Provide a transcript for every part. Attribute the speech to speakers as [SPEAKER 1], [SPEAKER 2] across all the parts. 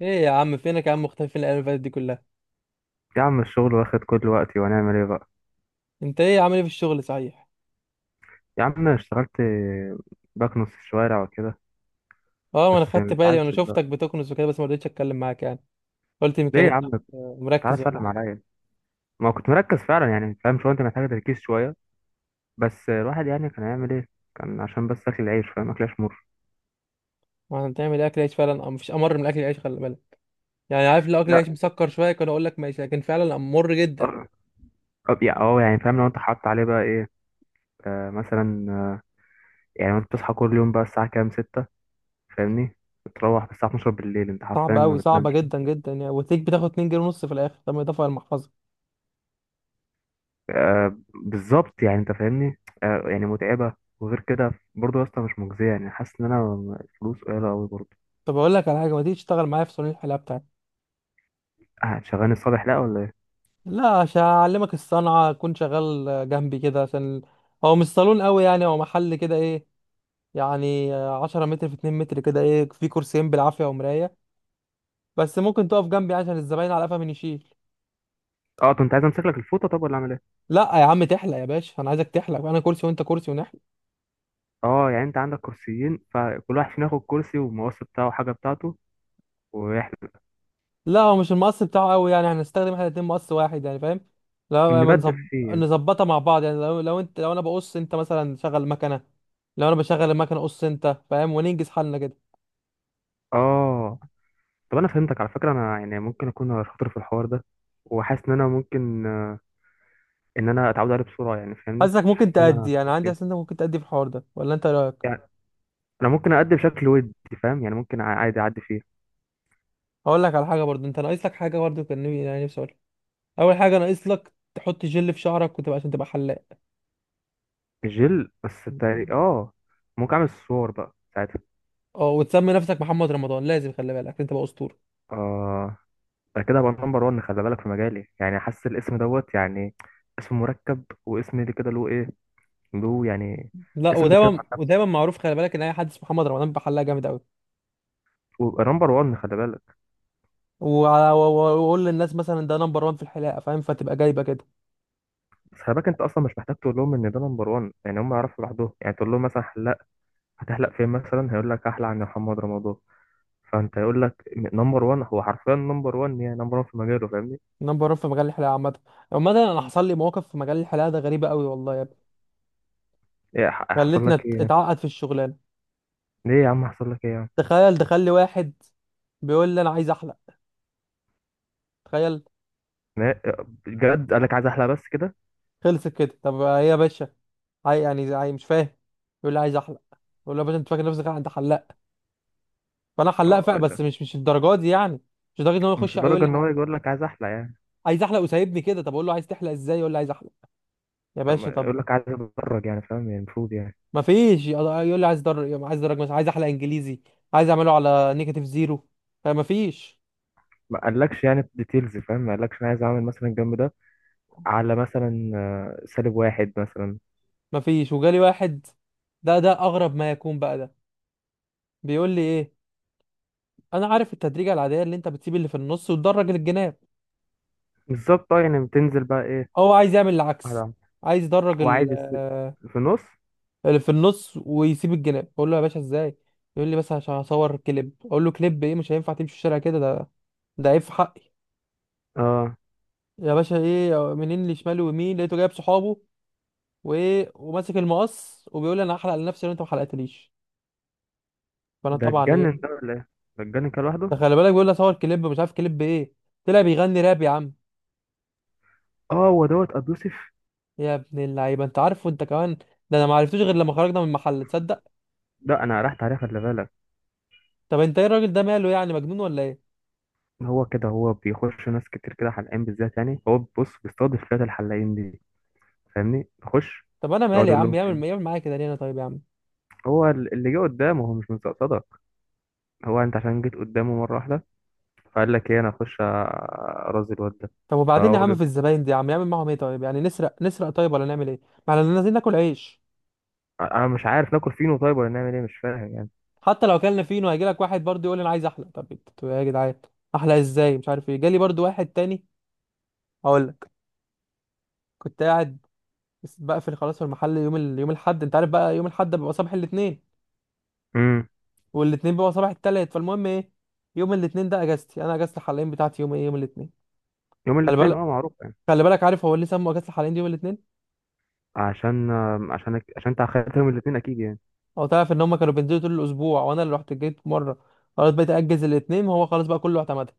[SPEAKER 1] ايه يا عم؟ فينك يا عم؟ مختفي فين الايام اللي فاتت دي كلها؟
[SPEAKER 2] يا عم الشغل واخد كل وقتي وهنعمل ايه بقى.
[SPEAKER 1] انت ايه عامل ايه في الشغل صحيح؟
[SPEAKER 2] يا عم أنا اشتغلت بكنس في الشوارع وكده،
[SPEAKER 1] اه، ما انا
[SPEAKER 2] بس
[SPEAKER 1] خدت
[SPEAKER 2] مش
[SPEAKER 1] بالي
[SPEAKER 2] عايز
[SPEAKER 1] وانا شفتك
[SPEAKER 2] بقى.
[SPEAKER 1] بتكنس وكده، بس ما رضيتش اتكلم معاك يعني. قلت
[SPEAKER 2] ليه
[SPEAKER 1] يمكن
[SPEAKER 2] يا
[SPEAKER 1] انت
[SPEAKER 2] عم؟ تعالى
[SPEAKER 1] مركز ولا
[SPEAKER 2] سلم
[SPEAKER 1] حاجه.
[SPEAKER 2] عليا. ما كنت مركز فعلا يعني، فاهم شويه، انت محتاج تركيز شويه، بس الواحد يعني كان هيعمل ايه؟ كان عشان بس اكل العيش، فاهم، اكل عيش مر.
[SPEAKER 1] ما احنا بتعمل اكل عيش فعلا، مفيش امر من اكل العيش خلي بالك. يعني عارف لو اكل
[SPEAKER 2] لا.
[SPEAKER 1] العيش مسكر شويه كان اقول لك ماشي، لكن فعلا امر جدا.
[SPEAKER 2] اه. يعني اه يعني فاهم، لو انت حاطط عليه بقى ايه؟ مثلا، يعني انت بتصحى كل يوم بقى الساعه كام؟ 6، فاهمني، بتروح الساعه 12 بالليل، انت
[SPEAKER 1] صعب
[SPEAKER 2] حرفيا ما
[SPEAKER 1] قوي، صعبه
[SPEAKER 2] بتنامش.
[SPEAKER 1] جدا جدا يعني، وتليك بتاخد 2 جنيه ونص في الاخر. طب ما اضافه على المحفظه.
[SPEAKER 2] آه بالظبط، يعني انت فاهمني، آه يعني متعبه. وغير كده برضه يا اسطى مش مجزيه، يعني حاسس ان انا الفلوس قليله قوي برضه.
[SPEAKER 1] طب اقول لك على حاجه، ما تيجي تشتغل معايا في صالون الحلاقه بتاعتي.
[SPEAKER 2] هتشغلني الصبح لا ولا ايه؟
[SPEAKER 1] لا عشان اعلمك الصنعه، اكون شغال جنبي كده عشان هو مش صالون قوي يعني، هو محل كده، ايه يعني، عشرة متر في اتنين متر كده، ايه، في كرسيين بالعافية ومراية. بس ممكن تقف جنبي عشان الزباين على قفا من يشيل.
[SPEAKER 2] اه طب انت عايز امسك لك الفوطه طب ولا اعمل ايه؟
[SPEAKER 1] لا يا عم تحلق يا باشا، انا عايزك تحلق، انا كرسي وانت كرسي ونحلق.
[SPEAKER 2] اه يعني انت عندك كرسيين، فكل واحد فينا ياخد كرسي والمقص بتاعه وحاجه بتاعته واحنا
[SPEAKER 1] لا هو مش المقص بتاعه قوي يعني، هنستخدم احنا الاتنين مقص واحد يعني فاهم. لا ما
[SPEAKER 2] نبدل
[SPEAKER 1] نظب...
[SPEAKER 2] فيه.
[SPEAKER 1] نظبطها مع بعض يعني، لو انت، لو انا بقص انت مثلا شغل مكنة، لو انا بشغل المكنة قص انت فاهم، وننجز حالنا كده.
[SPEAKER 2] اه طب انا فهمتك على فكره. انا يعني ممكن اكون شاطر في الحوار ده، وحاسس ان انا ممكن ان انا اتعود عليه بسرعه، يعني فاهمني،
[SPEAKER 1] حاسسك
[SPEAKER 2] مش
[SPEAKER 1] ممكن
[SPEAKER 2] حاسس ان انا
[SPEAKER 1] تأدي يعني،
[SPEAKER 2] هتخاف
[SPEAKER 1] عندي حاسس
[SPEAKER 2] فيه.
[SPEAKER 1] انت ممكن تأدي في الحوار ده، ولا انت إيه رأيك؟
[SPEAKER 2] يعني انا ممكن اقدم بشكل ودي، فاهم، يعني ممكن عادي اعدي فيه.
[SPEAKER 1] هقول لك على حاجة برضه، انت ناقص لك حاجة برضه، يعني نفسي أقولها. اول حاجه ناقص لك تحط جل في شعرك وتبقى، عشان تبقى حلاق.
[SPEAKER 2] جل، بس تاري اه ممكن اعمل الصور بقى ساعتها.
[SPEAKER 1] اه، وتسمي نفسك محمد رمضان لازم خلي بالك، عشان تبقى اسطوره.
[SPEAKER 2] اه ده كده هبقى نمبر 1، خلي بالك، في مجالي، يعني حاسس الاسم دوت يعني، اسم مركب واسم اللي كده له ايه، له يعني.
[SPEAKER 1] لا
[SPEAKER 2] اسم بيتكلم
[SPEAKER 1] ودايما
[SPEAKER 2] عن نفسه،
[SPEAKER 1] ودايما معروف خلي بالك ان اي حد اسمه محمد رمضان بيبقى حلاق جامد قوي.
[SPEAKER 2] ويبقى نمبر 1 خلي بالك.
[SPEAKER 1] واقول للناس مثلا ده نمبر 1 في الحلاقه فاهم، فتبقى جايبه كده.
[SPEAKER 2] بس خلي بالك انت اصلا مش محتاج تقول لهم ان ده نمبر 1، يعني هم يعرفوا لوحدهم، يعني تقول لهم مثلا حلاق هتحلق فين مثلا، هيقول لك احلق عند محمد رمضان. فانت يقول لك نمبر 1، هو حرفيا نمبر 1، يعني نمبر 1 في مجاله فاهمني.
[SPEAKER 1] نمبر 1 في مجال الحلاقه عامه. عامه انا حصل لي مواقف في مجال الحلاقه ده غريبه قوي والله يا ابني.
[SPEAKER 2] ايه حصل
[SPEAKER 1] خلتنا
[SPEAKER 2] لك
[SPEAKER 1] ات-
[SPEAKER 2] ايه يعني؟
[SPEAKER 1] اتعقد في الشغلانه.
[SPEAKER 2] ليه يا عم حصل لك ايه يعني؟
[SPEAKER 1] تخيل دخل لي واحد بيقول لي انا عايز احلق. تخيل.
[SPEAKER 2] لا، بجد قال لك عايز احلى بس كده؟
[SPEAKER 1] خلصت كده؟ طب ايه يا باشا؟ عاي يعني عاي، مش فاهم. يقول لي عايز احلق. يقول له يا باشا انت فاكر نفسك انت حلاق؟ فانا حلاق فعلا،
[SPEAKER 2] اه
[SPEAKER 1] بس
[SPEAKER 2] ده
[SPEAKER 1] مش الدرجات دي يعني. مش لدرجه ان هو يخش
[SPEAKER 2] مش
[SPEAKER 1] يقول
[SPEAKER 2] درجه
[SPEAKER 1] لي
[SPEAKER 2] ان هو يجي يقول لك عايز احلى يعني.
[SPEAKER 1] عايز احلق وسايبني كده. طب اقول له عايز تحلق ازاي، يقول لي عايز احلق. يا
[SPEAKER 2] لا،
[SPEAKER 1] باشا طب.
[SPEAKER 2] يقول لك عايز اتدرج يعني، فاهم يعني، المفروض يعني.
[SPEAKER 1] ما فيش، يقول لي عايز درج، عايز درج مثلا عايز احلق انجليزي، عايز اعمله على نيجاتيف زيرو. فما فيش.
[SPEAKER 2] ما قالكش يعني ديتيلز، فاهم، ما قالكش انا عايز اعمل مثلا الجنب ده على مثلا سالب واحد مثلا.
[SPEAKER 1] ما فيش. وجالي واحد، ده اغرب ما يكون بقى ده. بيقول لي ايه، انا عارف التدريجه العاديه اللي انت بتسيب اللي في النص وتدرج الجناب،
[SPEAKER 2] بالظبط اه، يعني بتنزل بقى ايه؟
[SPEAKER 1] هو عايز يعمل العكس.
[SPEAKER 2] على
[SPEAKER 1] عايز يدرج ال-
[SPEAKER 2] وعادي الس...
[SPEAKER 1] آه،
[SPEAKER 2] في النص.
[SPEAKER 1] اللي في النص ويسيب الجناب. اقول له يا باشا ازاي؟ يقول لي بس عشان هصور كليب. اقول له كليب ايه، مش هينفع تمشي الشارع كده ده، ده عيب في حقي.
[SPEAKER 2] اه
[SPEAKER 1] يا باشا ايه، منين لشمال ويمين لقيته جايب صحابه وايه، وماسك المقص وبيقول لي انا هحلق لنفسي لو انت ما حلقتليش. فانا
[SPEAKER 2] ده
[SPEAKER 1] طبعا
[SPEAKER 2] اتجنن ده
[SPEAKER 1] ايه.
[SPEAKER 2] ولا ايه؟ ده اتجنن كده لوحده.
[SPEAKER 1] ده خلي بالك بيقول لي اصور كليب، مش عارف كليب ايه، طلع بيغني راب يا عم.
[SPEAKER 2] اه هو دوت ابو يوسف.
[SPEAKER 1] يا ابن اللعيبه انت عارفه انت كمان؟ ده انا ما عرفتوش غير لما خرجنا من المحل، تصدق؟
[SPEAKER 2] لا انا رحت عليه خلي بالك.
[SPEAKER 1] طب انت ايه الراجل ده ماله يعني، مجنون ولا ايه؟
[SPEAKER 2] هو كده، هو بيخش ناس كتير كده حلقان بالذات، يعني هو بص بيستضيف فئة الحلاقين دي فاهمني، نخش.
[SPEAKER 1] طب انا
[SPEAKER 2] يقعد
[SPEAKER 1] مالي يا
[SPEAKER 2] يقول
[SPEAKER 1] عم،
[SPEAKER 2] لهم
[SPEAKER 1] يعمل يعمل معايا كده ليه، انا طيب يا عم.
[SPEAKER 2] هو اللي جه قدامه هو مش مستقصدك، هو انت عشان جيت قدامه مره واحده، فقال لك ايه انا اخش ارازي الواد ده.
[SPEAKER 1] طب وبعدين يا
[SPEAKER 2] فهو
[SPEAKER 1] عم، في
[SPEAKER 2] بي-
[SPEAKER 1] الزباين دي يا عم، يعمل معاهم ايه طيب، يعني نسرق نسرق طيب ولا نعمل ايه؟ ما احنا نازلين ناكل عيش.
[SPEAKER 2] انا مش عارف ناكل فينو طيب ولا نعمل ايه، مش فاهم يعني.
[SPEAKER 1] حتى لو اكلنا فينو هيجي لك واحد برضه يقول لي انا عايز احلى. طب انتوا يا جدعان، احلى ازاي؟ مش عارف ايه. جالي برضه واحد تاني، هقول لك. كنت قاعد بقفل خلاص في المحل يوم يوم الاحد. انت عارف بقى يوم الاحد بيبقى صباح الاثنين،
[SPEAKER 2] امم
[SPEAKER 1] والاثنين بيبقى صباح الثلاث. فالمهم ايه، يوم الاثنين ده اجازتي انا، اجازه الحلاقين بتاعتي يوم ايه، يوم الاثنين.
[SPEAKER 2] يوم
[SPEAKER 1] خلي
[SPEAKER 2] الاثنين
[SPEAKER 1] بالك.
[SPEAKER 2] اه معروف يعني.
[SPEAKER 1] خلي بالك عارف هو ليه سموا اجازه الحلاقين دي يوم الاثنين؟
[SPEAKER 2] عشان عشان انت اخدت يوم الاثنين اكيد يعني.
[SPEAKER 1] هو تعرف ان هم كانوا بينزلوا طول الاسبوع، وانا اللي رحت جيت مره. خلاص بقيت اجز الاثنين، هو خلاص بقى كله اعتمدها.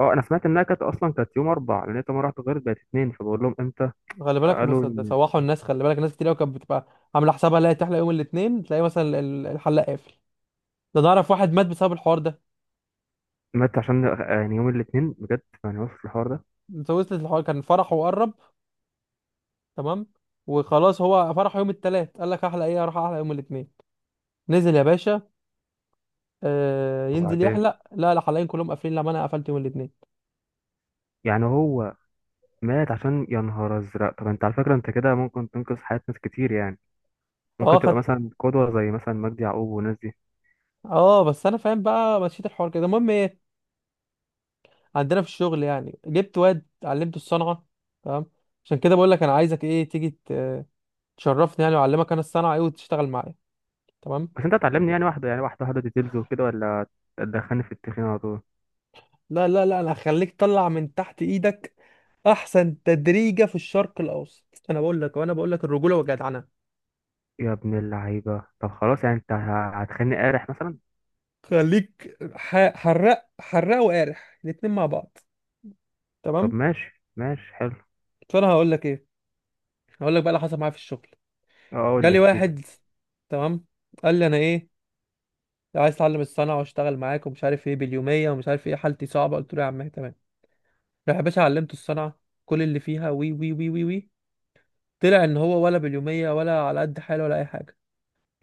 [SPEAKER 2] اه انا سمعت انها كانت اصلا كانت يوم اربع، لان انت مره واحده غيرت بقت اثنين، فبقول لهم امتى،
[SPEAKER 1] خلي بالك هم
[SPEAKER 2] فقالوا ان.
[SPEAKER 1] سوحوا الناس. خلي بالك ناس كتير قوي كانت بتبقى عامله حسابها لا تحلق يوم الاثنين تلاقي مثلا الحلاق قافل. ده نعرف واحد مات بسبب الحوار ده.
[SPEAKER 2] مات عشان، يعني يوم الاثنين بجد، يعني وصل الحوار ده.
[SPEAKER 1] انت وصلت الحوار، كان فرحه وقرب. تمام. وخلاص هو فرحه يوم الثلاث، قال لك احلق ايه، اروح احلق يوم الاثنين. نزل يا باشا. آه ينزل
[SPEAKER 2] وبعدين
[SPEAKER 1] يحلق، لا الحلاقين كلهم قافلين، لا ما انا قفلت يوم الاثنين.
[SPEAKER 2] يعني هو مات عشان، يا نهار ازرق. طب انت على فكره انت كده ممكن تنقذ حياه ناس كتير يعني، ممكن
[SPEAKER 1] اه
[SPEAKER 2] تبقى
[SPEAKER 1] خدت.
[SPEAKER 2] مثلا قدوه زي مثلا مجدي يعقوب والناس دي.
[SPEAKER 1] اه بس انا فاهم بقى، مشيت الحوار كده. المهم ايه، عندنا في الشغل يعني جبت واد علمته الصنعه. تمام. عشان كده بقول لك انا عايزك ايه، تشرفني يعني، واعلمك انا الصنعه ايه وتشتغل معايا. تمام.
[SPEAKER 2] بس انت هتعلمني يعني واحده، يعني واحده ديتيلز وكده، ولا تدخلني في التخين على طول؟
[SPEAKER 1] لا لا لا انا هخليك طلع من تحت ايدك احسن تدريجه في الشرق الاوسط، انا بقول لك، وانا بقول لك الرجوله والجدعنه.
[SPEAKER 2] يا ابن اللعيبه طب خلاص، يعني انت هتخليني قارح مثلا؟
[SPEAKER 1] حراق حراق وقارح الاتنين مع بعض. تمام.
[SPEAKER 2] طب ماشي ماشي حلو.
[SPEAKER 1] فانا هقول لك ايه، هقول لك بقى اللي حصل معايا في الشغل.
[SPEAKER 2] اه قول لي
[SPEAKER 1] جالي
[SPEAKER 2] احكي لي.
[SPEAKER 1] واحد، تمام، قال لي انا ايه، عايز اتعلم الصنعه واشتغل معاك، ومش عارف ايه باليوميه، ومش عارف ايه حالتي صعبه. قلت له يا عم إيه، تمام. راح يا باشا علمته الصنعه، كل اللي فيها وي وي وي وي وي. طلع ان هو ولا باليوميه ولا على قد حاله ولا اي حاجه.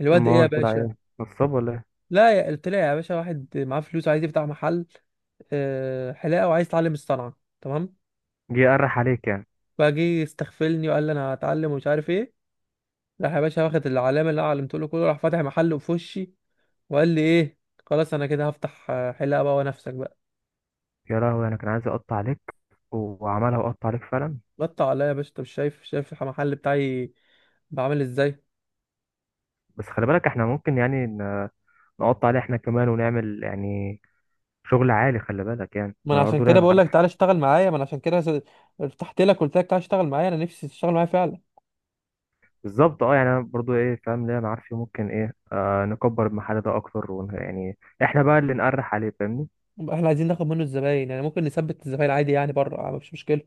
[SPEAKER 1] الواد ايه يا
[SPEAKER 2] امال طلع
[SPEAKER 1] باشا،
[SPEAKER 2] ايه، نصاب ولا ايه؟
[SPEAKER 1] لا يا طلع يا باشا واحد معاه فلوس عايز يفتح محل حلاقه، وعايز يتعلم الصنعه. تمام.
[SPEAKER 2] جه يقرح عليك يعني.
[SPEAKER 1] فجه يستغفلني وقال لي انا هتعلم ومش عارف ايه. راح يا باشا واخد العلامه اللي انا علمته له كله، راح فاتح محل في وشي. وقال لي ايه، خلاص انا كده هفتح حلاقه بقى ونفسك بقى.
[SPEAKER 2] يا لهوي، انا كان عايز اقطع عليك، وعملها وقطع عليك فعلا.
[SPEAKER 1] غطى عليا يا باشا. انت مش شايف، شايف المحل بتاعي بعمل ازاي.
[SPEAKER 2] بس خلي بالك احنا ممكن يعني نقطع عليه احنا كمان، ونعمل يعني شغل عالي خلي بالك، يعني
[SPEAKER 1] ما انا
[SPEAKER 2] انا
[SPEAKER 1] عشان
[SPEAKER 2] برضه ليا
[SPEAKER 1] كده بقول
[SPEAKER 2] معارف.
[SPEAKER 1] لك تعالى اشتغل معايا، ما انا عشان كده فتحت لك، قلت لك تعالى اشتغل معايا، انا نفسي تشتغل معايا فعلا.
[SPEAKER 2] بالظبط اه، يعني انا برضه ايه فاهم، ليا معارف فيه، ممكن ايه آه نكبر المحل ده اكتر يعني احنا بقى اللي نقرح عليه فاهمني.
[SPEAKER 1] احنا عايزين ناخد منه الزباين، يعني ممكن نثبت الزباين عادي يعني، بره مفيش مشكله.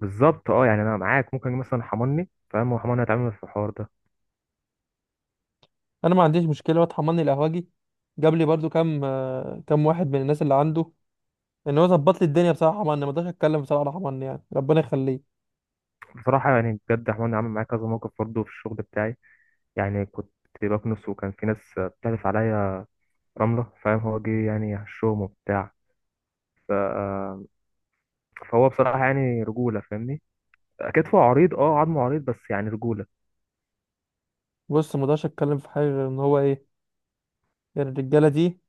[SPEAKER 2] بالظبط اه، يعني انا معاك، ممكن مثلا حماني فاهم، وحماني هيتعامل في الحوار ده.
[SPEAKER 1] انا ما عنديش مشكله، هو اتحملني القهوجي، جاب لي برضو كام كام واحد من الناس اللي عنده. ان هو ظبط لي الدنيا بصراحه حماني، ما اقدرش اتكلم بصراحه على حماني يعني ربنا يخليه.
[SPEAKER 2] بصراحه يعني بجد، حماني عامل معايا كذا موقف برضه في الشغل بتاعي. يعني كنت بكنس، وكان في ناس بتعرف عليا رمله، فاهم، هو جه يعني هشهم وبتاع، ف... آه، فهو بصراحه يعني رجوله فاهمني. كتفه عريض، اه، عظمه عريض، بس يعني رجوله.
[SPEAKER 1] بص ما اقدرش اتكلم في حاجه غير ان هو ايه، يعني الرجاله دي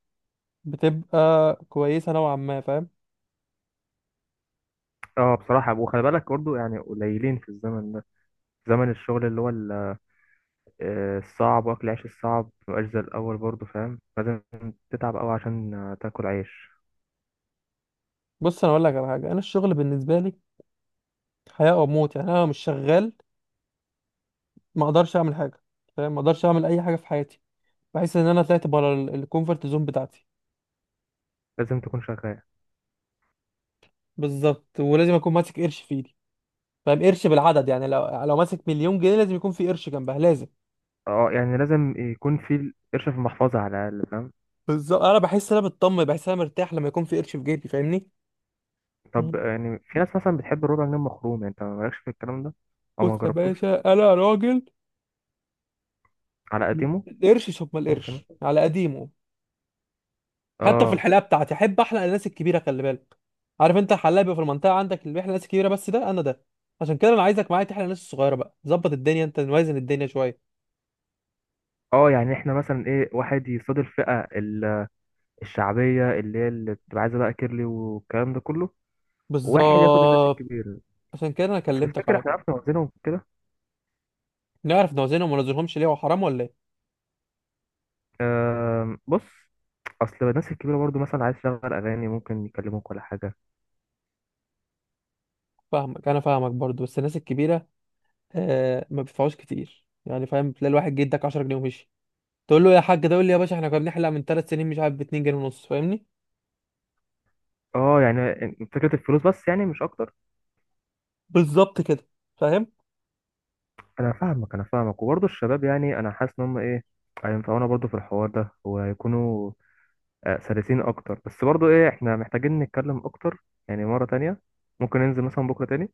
[SPEAKER 1] بتبقى كويسه نوعا ما فاهم.
[SPEAKER 2] اه بصراحة. وخلي بالك برضه يعني قليلين في الزمن ده، زمن الشغل اللي هو الصعب، واكل عيش الصعب مبقاش زي الأول برضه فاهم، لازم تتعب أوي عشان تاكل عيش.
[SPEAKER 1] بص انا اقول لك على حاجه، انا الشغل بالنسبه لي حياه او موت. يعني انا لو مش شغال ما اقدرش اعمل حاجه فاهم، ما اقدرش اعمل اي حاجه في حياتي. بحس ان انا طلعت بره الكومفورت زون بتاعتي.
[SPEAKER 2] لازم تكون شغال.
[SPEAKER 1] بالظبط. ولازم اكون ماسك قرش في ايدي فاهم، قرش بالعدد، يعني لو ماسك مليون جنيه لازم يكون في قرش جنبها لازم.
[SPEAKER 2] اه يعني لازم يكون في قرش في المحفظة على الأقل فاهم.
[SPEAKER 1] بالظبط، انا بحس ان انا مطمن، بحس ان انا مرتاح لما يكون في قرش في جيبي فاهمني.
[SPEAKER 2] طب
[SPEAKER 1] مم.
[SPEAKER 2] يعني في ناس مثلا بتحب الربع جنيه مخروم، انت مالكش في الكلام ده او ما
[SPEAKER 1] بص يا
[SPEAKER 2] جربتوش؟
[SPEAKER 1] باشا انا راجل
[SPEAKER 2] على قديمه.
[SPEAKER 1] القرش. شوف ما
[SPEAKER 2] ممكن.
[SPEAKER 1] القرش على قديمه. حتى في
[SPEAKER 2] اه
[SPEAKER 1] الحلاقه بتاعتي احب احلق الناس الكبيره خلي بالك. عارف انت الحلاق بيبقى في المنطقه عندك اللي بيحلق الناس الكبيره، بس ده انا ده. عشان كده انا عايزك معايا تحلق الناس الصغيره بقى، ظبط الدنيا، انت نوازن الدنيا شويه.
[SPEAKER 2] اه يعني احنا مثلا ايه، واحد يصادر الفئة الشعبية اللي هي اللي بتبقى عايزة بقى كيرلي والكلام ده كله، واحد ياخد الناس
[SPEAKER 1] بالظبط.
[SPEAKER 2] الكبيرة.
[SPEAKER 1] عشان كده انا
[SPEAKER 2] بس
[SPEAKER 1] كلمتك
[SPEAKER 2] تفتكر
[SPEAKER 1] على
[SPEAKER 2] احنا
[SPEAKER 1] طول.
[SPEAKER 2] عرفنا نوزنهم كده؟
[SPEAKER 1] نعرف نوازنهم وما نوازنهمش ليه، هو حرام ولا ايه؟
[SPEAKER 2] أه بص، اصل الناس الكبيرة برضو مثلا عايز تشغل اغاني ممكن يكلموك ولا حاجة.
[SPEAKER 1] فاهمك، انا فاهمك برضو، بس الناس الكبيره آه ما بيدفعوش كتير يعني فاهم. تلاقي الواحد جه اداك 10 جنيه ومشي. تقول له يا حاج ده، يقول لي يا باشا احنا كنا بنحلق من ثلاث سنين مش عارف ب 2 جنيه ونص فاهمني.
[SPEAKER 2] اه يعني فكرة الفلوس بس يعني مش اكتر.
[SPEAKER 1] بالظبط كده. فاهم.
[SPEAKER 2] انا فاهمك وبرضو الشباب، يعني انا حاسس ان هم ايه هينفعونا برضو في الحوار ده وهيكونوا سلسين اكتر، بس برضو ايه احنا محتاجين نتكلم اكتر يعني مرة تانية، ممكن ننزل مثلا بكرة تاني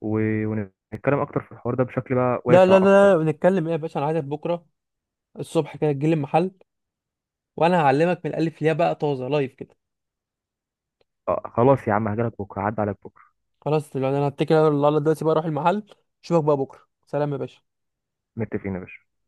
[SPEAKER 2] و... ونتكلم اكتر في الحوار ده بشكل بقى
[SPEAKER 1] لا لا
[SPEAKER 2] واسع اكتر
[SPEAKER 1] لا
[SPEAKER 2] يعني.
[SPEAKER 1] بنتكلم ايه يا باشا، انا عايزك بكره الصبح كده تجيلي المحل، وانا هعلمك من الالف للياء بقى طازه لايف كده.
[SPEAKER 2] آه خلاص يا عم هجيلك بكرة، عدى عليك بكرة.
[SPEAKER 1] خلاص دلوقتي، انا هتكل على الله دلوقتي بقى اروح المحل، اشوفك بقى بكره. سلام يا باشا.
[SPEAKER 2] متفقين يا باشا.